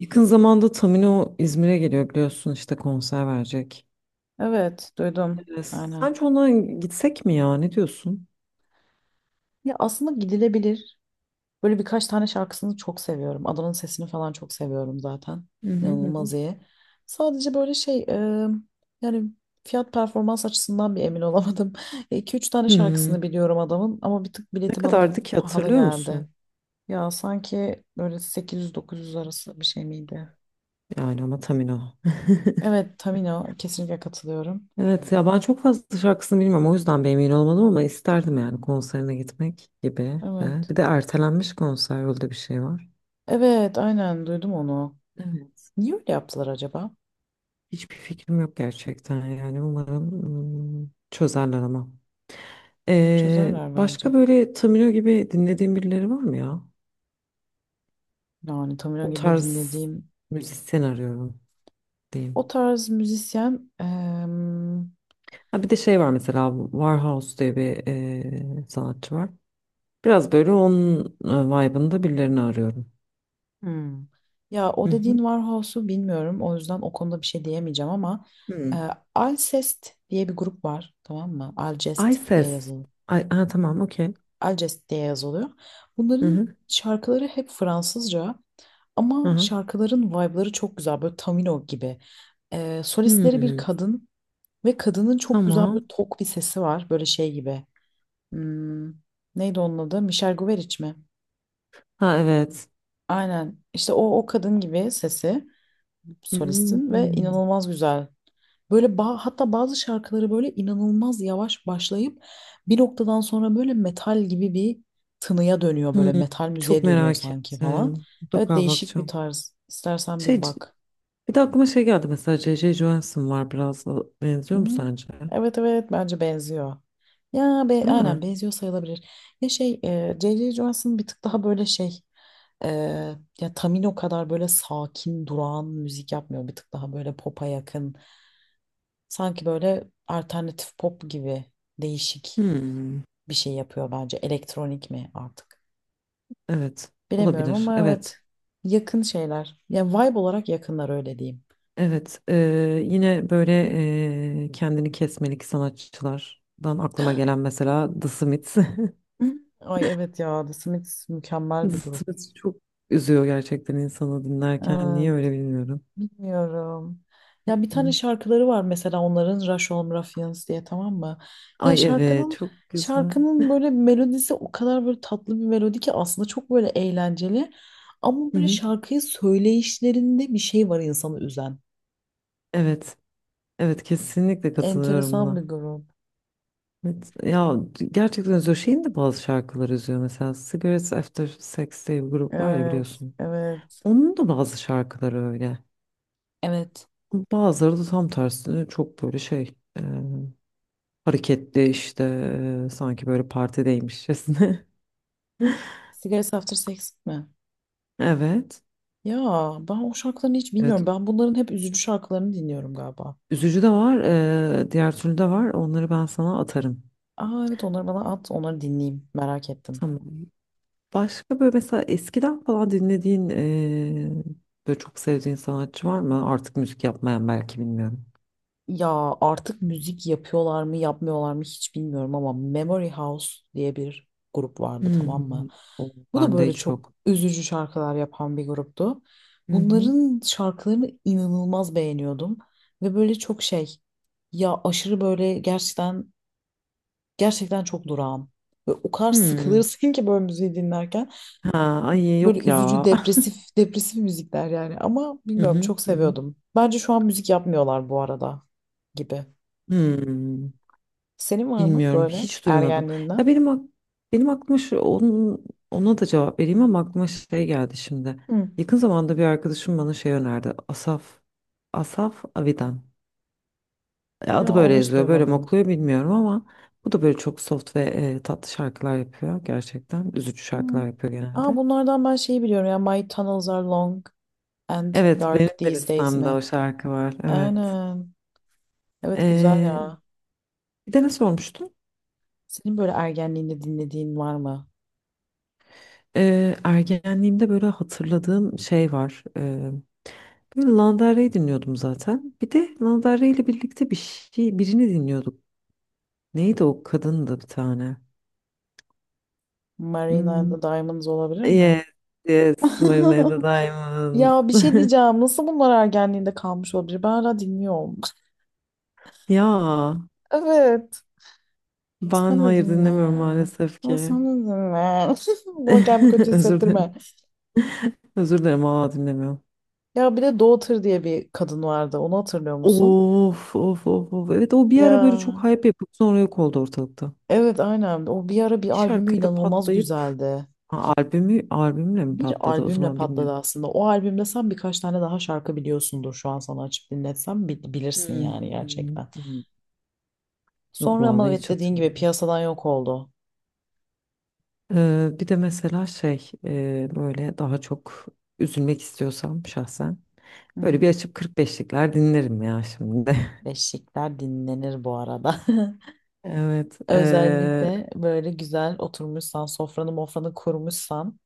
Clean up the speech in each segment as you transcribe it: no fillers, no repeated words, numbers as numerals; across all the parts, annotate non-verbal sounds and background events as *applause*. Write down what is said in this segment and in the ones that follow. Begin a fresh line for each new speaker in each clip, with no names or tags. Yakın zamanda Tamino İzmir'e geliyor biliyorsun işte konser verecek.
Evet, duydum. Aynen.
Sence ona gitsek mi ya? Ne diyorsun?
Ya aslında gidilebilir. Böyle birkaç tane şarkısını çok seviyorum. Adanın sesini falan çok seviyorum zaten.
Hı hı.
İnanılmaz iyi. Sadece böyle şey, yani fiyat performans açısından bir emin olamadım. *laughs* 2 üç tane
Hmm,
şarkısını biliyorum adamın ama bir tık
Ne
bileti bana
kadardı ki
pahalı
hatırlıyor
geldi.
musun?
Ya sanki böyle 800-900 arası bir şey miydi?
Yani ama Tamino. *laughs*
Evet, Tamino kesinlikle katılıyorum.
Evet ya, ben çok fazla şarkısını bilmiyorum, o yüzden bir emin olmadım ama isterdim yani konserine gitmek gibi de.
Evet.
Bir de ertelenmiş konser, öyle bir şey var.
Evet, aynen duydum onu.
Evet.
Niye öyle yaptılar acaba?
Hiçbir fikrim yok gerçekten, yani umarım çözerler ama.
Çözerler bence.
Başka böyle Tamino gibi dinlediğin birileri var mı ya?
Yani Tamino
O
gibi
tarz
dinlediğim
müzisyen arıyorum
o
diyeyim.
tarz müzisyen
Ha, bir de şey var, mesela Warhouse diye bir sanatçı var. Biraz böyle onun vibe'ında birilerini arıyorum.
hmm. Ya o
Hı
dediğin
hı.
Warhouse'u bilmiyorum. O yüzden o konuda bir şey diyemeyeceğim ama
Hmm.
e, Alcest diye bir grup var. Tamam mı?
Ay
Alcest diye
ses.
yazılıyor.
Ay, ha, tamam okey.
Alcest diye yazılıyor.
Hı
Bunların
hı.
şarkıları hep Fransızca
Hı
ama
hı.
şarkıların vibe'ları çok güzel. Böyle Tamino gibi. E, solistleri bir
Hmm.
kadın ve kadının çok güzel böyle
Tamam.
tok bir sesi var. Böyle şey gibi. Hmm, neydi onun adı? Michel Guberic mi?
Ha evet.
Aynen. İşte o kadın gibi sesi solistin ve
Hmm.
inanılmaz güzel. Böyle hatta bazı şarkıları böyle inanılmaz yavaş başlayıp bir noktadan sonra böyle metal gibi bir tınıya dönüyor,
Hmm.
böyle metal
Çok
müziğe dönüyor
merak
sanki falan.
ettim,
Evet,
mutlaka
değişik bir
bakacağım.
tarz. İstersen
Şey,
bir
c-
bak.
bir de aklıma şey geldi, mesela C.C. Johansson var, biraz da
Hı?
benziyor mu sence?
Evet, evet, bence benziyor. Ya be,
Değil
aynen
mi?
benziyor sayılabilir. Ya şey J.J. Johansson bir tık daha böyle şey, e, ya Tamino kadar böyle sakin durağan müzik yapmıyor. Bir tık daha böyle pop'a yakın. Sanki böyle alternatif pop gibi değişik
Hmm.
bir şey yapıyor bence. Elektronik mi artık?
Evet,
Bilemiyorum
olabilir.
ama
Evet,
evet, yakın şeyler. Ya vibe olarak yakınlar, öyle diyeyim.
evet. Yine böyle kendini kesmelik sanatçılardan aklıma gelen mesela The Smiths. *laughs*
*laughs* Ay evet ya, The Smiths
The
mükemmel bir grup.
Smiths çok üzüyor gerçekten insanı dinlerken. Niye
Evet.
öyle bilmiyorum.
Bilmiyorum. Ya bir tane
Hı.
şarkıları var mesela onların, Rush Home Ruffians diye, tamam mı? Ya
Ay evet,
şarkının
çok güzel.
şarkının böyle melodisi o kadar böyle tatlı bir melodi ki, aslında çok böyle eğlenceli. Ama
Hı
böyle
hı.
şarkıyı söyleyişlerinde bir şey var insanı üzen.
Evet, evet, kesinlikle katılıyorum
Enteresan
buna.
bir grup.
Evet ya, gerçekten üzüyor. Şeyin de bazı şarkıları üzüyor. Mesela Cigarettes After Sex diye bir grup var ya,
Evet,
biliyorsun.
evet,
Onun da bazı şarkıları öyle.
evet.
Bazıları da tam tersine çok böyle hareketli, sanki böyle partideymişçesine. *laughs*
Cigarettes After Sex mi?
Evet.
Ya ben o şarkılarını hiç
Evet.
bilmiyorum. Ben bunların hep üzücü şarkılarını dinliyorum galiba.
Üzücü de var. Diğer türlü de var. Onları ben sana atarım.
Aa evet, onları bana at, onları dinleyeyim. Merak ettim.
Tamam. Başka böyle, mesela eskiden falan dinlediğin, böyle çok sevdiğin sanatçı var mı? Artık müzik yapmayan belki, bilmiyorum.
Ya artık müzik yapıyorlar mı yapmıyorlar mı hiç bilmiyorum ama Memory House diye bir grup vardı, tamam mı?
Hmm. O
Bu da
bende
böyle
hiç
çok
yok.
üzücü şarkılar yapan bir gruptu.
Hı hı.
Bunların şarkılarını inanılmaz beğeniyordum ve böyle çok şey, ya aşırı böyle, gerçekten gerçekten çok durağan. Ve o kadar
Hmm.
sıkılırsın *laughs* ki böyle müziği dinlerken,
Ha, ay yok
böyle
ya.
üzücü
*laughs*
depresif depresif müzikler yani, ama
Hı
bilmiyorum,
hı.
çok
Hı hı.
seviyordum. Bence şu an müzik yapmıyorlar bu arada gibi.
Hmm.
Senin var mı
Bilmiyorum,
böyle
hiç duymadım. Ya
ergenliğinden?
benim ak- benim aklıma şu, onun, ona da cevap vereyim ama aklıma şey geldi şimdi.
Hı.
Yakın zamanda bir arkadaşım bana şey önerdi. Asaf Avidan.
Ya
Adı böyle
onu hiç
yazıyor, böyle mi
duymadım.
okuyor bilmiyorum ama bu da böyle çok soft ve tatlı şarkılar yapıyor gerçekten. Üzücü
Hı.
şarkılar yapıyor
Aa,
genelde.
bunlardan ben şeyi biliyorum ya, My tunnels are long and
Evet, benim
dark
de
these days
listemde
mi?
o şarkı var. Evet.
Aynen. Evet, güzel
E,
ya.
bir de ne sormuştun?
Senin böyle ergenliğinde dinlediğin var mı?
Ergenliğimde böyle hatırladığım şey var. Böyle Lana Del Rey dinliyordum zaten. Bir de Lana Del Rey ile birlikte bir şey, birini dinliyorduk. Neydi o kadın da bir tane?
Marina and
Hmm.
the Diamonds olabilir mi?
Yes, yes, Marina and the
*laughs*
Diamonds.
Ya bir şey
*laughs*
diyeceğim. Nasıl bunlar ergenliğinde kalmış olabilir? Ben hala dinliyorum.
Ya
*laughs* Evet.
ben
Sen de
hayır
dinle.
dinlemiyorum maalesef
Ya sen
ki.
de dinle. *laughs* Bana kendimi kötü
*laughs* Özür
hissettirme.
dilerim. Özür dilerim, aa dinlemiyorum.
Ya bir de Doğu diye bir kadın vardı. Onu hatırlıyor musun?
Of of of of. Evet, o bir ara böyle
Ya
çok hype yapıp sonra yok oldu ortalıkta.
evet, aynen. O bir ara bir
Bir
albümü
şarkıyla
inanılmaz
patlayıp
güzeldi.
ha, albümü, albümle mi
Bir
patladı o
albümle
zaman
patladı
bilmiyorum.
aslında. O albümde sen birkaç tane daha şarkı biliyorsundur, şu an sana açıp dinletsem bilirsin yani
Hmm.
gerçekten.
Hmm. Yok
Sonra ama
vallahi,
evet,
hiç
dediğin gibi
hatırlamıyorum.
piyasadan yok oldu.
Bir de mesela böyle daha çok üzülmek istiyorsam şahsen
Hı
böyle
hı.
bir açıp 45'likler dinlerim ya şimdi. *laughs*
Beşikler dinlenir bu arada. *laughs*
Evet,
Özellikle böyle güzel oturmuşsan, sofranı mofranı kurmuşsan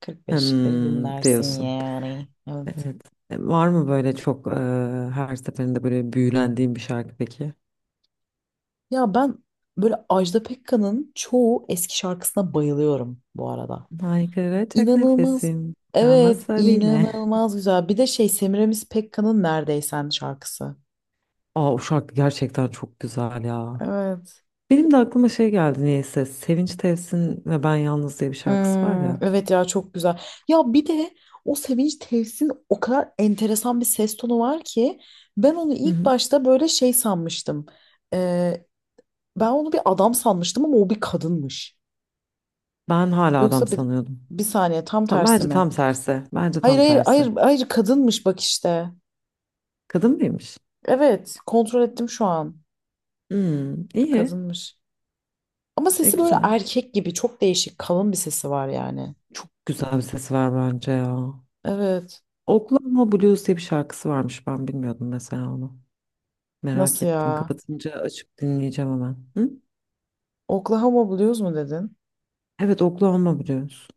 40 beşikleri
hmm,
dinlersin
diyorsun.
yani. Evet.
Evet. Var mı böyle çok her seferinde böyle büyülendiğin bir şarkı peki?
Ya ben böyle Ajda Pekkan'ın çoğu eski şarkısına bayılıyorum bu arada.
Haykıracak
İnanılmaz.
nefesim
Evet,
kalmasa bile.
inanılmaz güzel. Bir de şey, Semiramis Pekkan'ın Neredeysen şarkısı.
Aa, o şarkı gerçekten çok güzel ya.
Evet.
Benim de aklıma şey geldi niyeyse. Sevinç Tevsin ve Ben Yalnız diye bir şarkısı var
Hmm,
ya.
evet ya, çok güzel. Ya bir de o Sevinç Tevsin o kadar enteresan bir ses tonu var ki, ben onu
Hı
ilk
hı.
başta böyle şey sanmıştım. Ee, ben onu bir adam sanmıştım ama o bir kadınmış.
Ben hala adam
Yoksa
sanıyordum.
bir saniye, tam tersi
Bence
mi?
tam tersi. Bence
Hayır
tam
hayır
tersi.
hayır hayır, kadınmış bak işte.
Kadın mıymış?
Evet, kontrol ettim şu an.
Hmm, iyi.
Kadınmış. Ama
E
sesi böyle
güzel.
erkek gibi, çok değişik kalın bir sesi var yani.
Çok güzel bir sesi var bence ya.
Evet.
Oklahoma Blues diye bir şarkısı varmış. Ben bilmiyordum mesela onu. Merak
Nasıl
ettim.
ya?
Kapatınca açıp dinleyeceğim hemen. Hı?
Oklahoma Blues mu dedin?
Evet, Oklahoma Blues.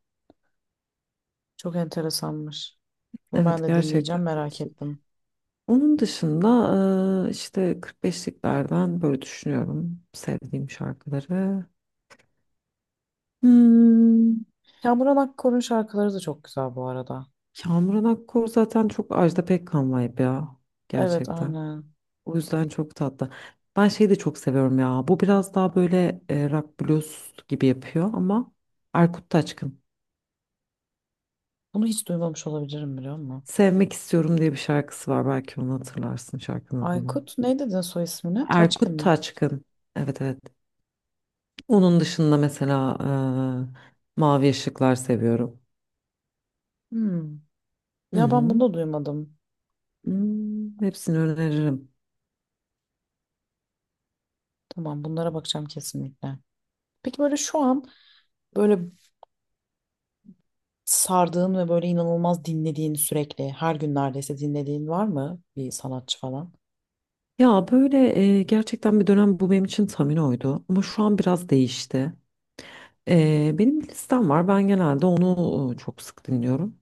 Çok enteresanmış. Bunu ben
Evet,
de
gerçekten
dinleyeceğim, merak
değişik.
ettim.
Onun dışında işte 45'liklerden böyle düşünüyorum sevdiğim şarkıları. Hmm.
Kamuran Akkor'un şarkıları da çok güzel bu arada.
Kamuran Akkor zaten çok Ajda Pekkan vibe ya.
Evet,
Gerçekten.
aynen.
O yüzden çok tatlı. Ben şeyi de çok seviyorum ya. Bu biraz daha böyle rock blues gibi yapıyor ama Erkut Taçkın.
Bunu hiç duymamış olabilirim, biliyor musun?
Sevmek istiyorum diye bir şarkısı var. Belki onu hatırlarsın, şarkının adını.
Aykut, ne dedin soy ismine? Taçkın
Erkut
mı?
Taçkın. Evet evet. Onun dışında mesela Mavi Işıklar seviyorum.
Hmm.
Hı
Ya ben bunu
hı.
da duymadım.
Hmm, hepsini öneririm.
Tamam, bunlara bakacağım kesinlikle. Peki böyle şu an, böyle sardığın ve böyle inanılmaz dinlediğin, sürekli her gün neredeyse dinlediğin var mı, bir sanatçı falan?
Ya böyle gerçekten bir dönem bu benim için Tamino'ydu ama şu an biraz değişti. Benim bir listem var, ben genelde onu çok sık dinliyorum.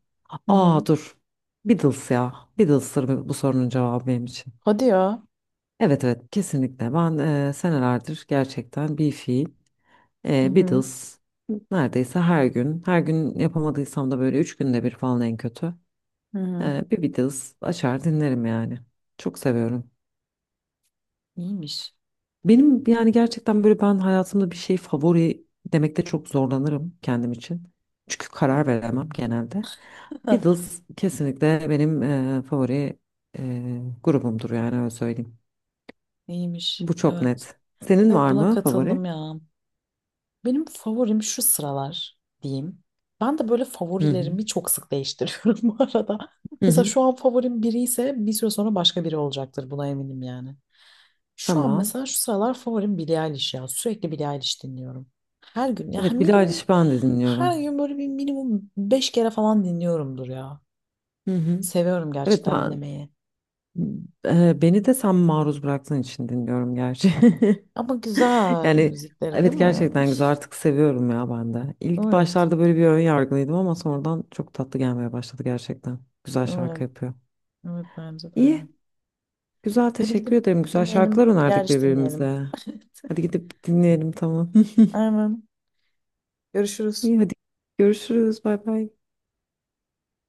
Hı hı.
Aa dur, Beatles ya, Beatles'tır bu, bu sorunun cevabı benim için.
Hadi ya.
Evet evet, kesinlikle ben senelerdir gerçekten bir fiil
Hı hı.
Beatles neredeyse her gün yapamadıysam da böyle üç günde bir falan en kötü
Hı hı.
bir Beatles açar dinlerim yani, çok seviyorum.
İyiymiş.
Benim yani gerçekten böyle, ben hayatımda bir şey favori demekte çok zorlanırım kendim için. Çünkü karar veremem genelde.
*laughs*
Beatles kesinlikle benim favori grubumdur yani, öyle söyleyeyim.
İyiymiş.
Bu çok
Evet.
net. Senin
Evet,
var
buna
mı favori?
katıldım ya. Benim favorim şu sıralar diyeyim. Ben de böyle
Hı hı.
favorilerimi çok sık değiştiriyorum *laughs* bu arada.
Hı
Mesela
hı.
şu an favorim biri ise, bir süre sonra başka biri olacaktır, buna eminim yani. Şu an
Tamam.
mesela şu sıralar favorim Billie Eilish ya. Sürekli Billie Eilish dinliyorum. Her gün ya
Evet, Billie
minimum,
Eilish'i ben de
her
dinliyorum.
gün böyle bir minimum 5 kere falan dinliyorumdur ya.
Hı hı.
Seviyorum
Evet
gerçekten
ben
dinlemeyi.
beni de sen maruz bıraktığın için dinliyorum gerçi. *laughs*
Ama güzel
Yani
müzikleri değil
evet,
mi?
gerçekten güzel,
*laughs*
artık seviyorum ya ben de. İlk
Evet.
başlarda böyle bir ön yargılıydım ama sonradan çok tatlı gelmeye başladı gerçekten. Güzel şarkı
Evet.
yapıyor.
Evet, bence de.
İyi. Güzel,
Hadi
teşekkür
gidip
ederim. Güzel şarkılar
dinleyelim. Bir
önerdik
derviş dinleyelim.
birbirimize.
*laughs*
Hadi gidip dinleyelim, tamam.
Armağan.
*laughs*
Görüşürüz.
İyi, hadi görüşürüz. Bay bay.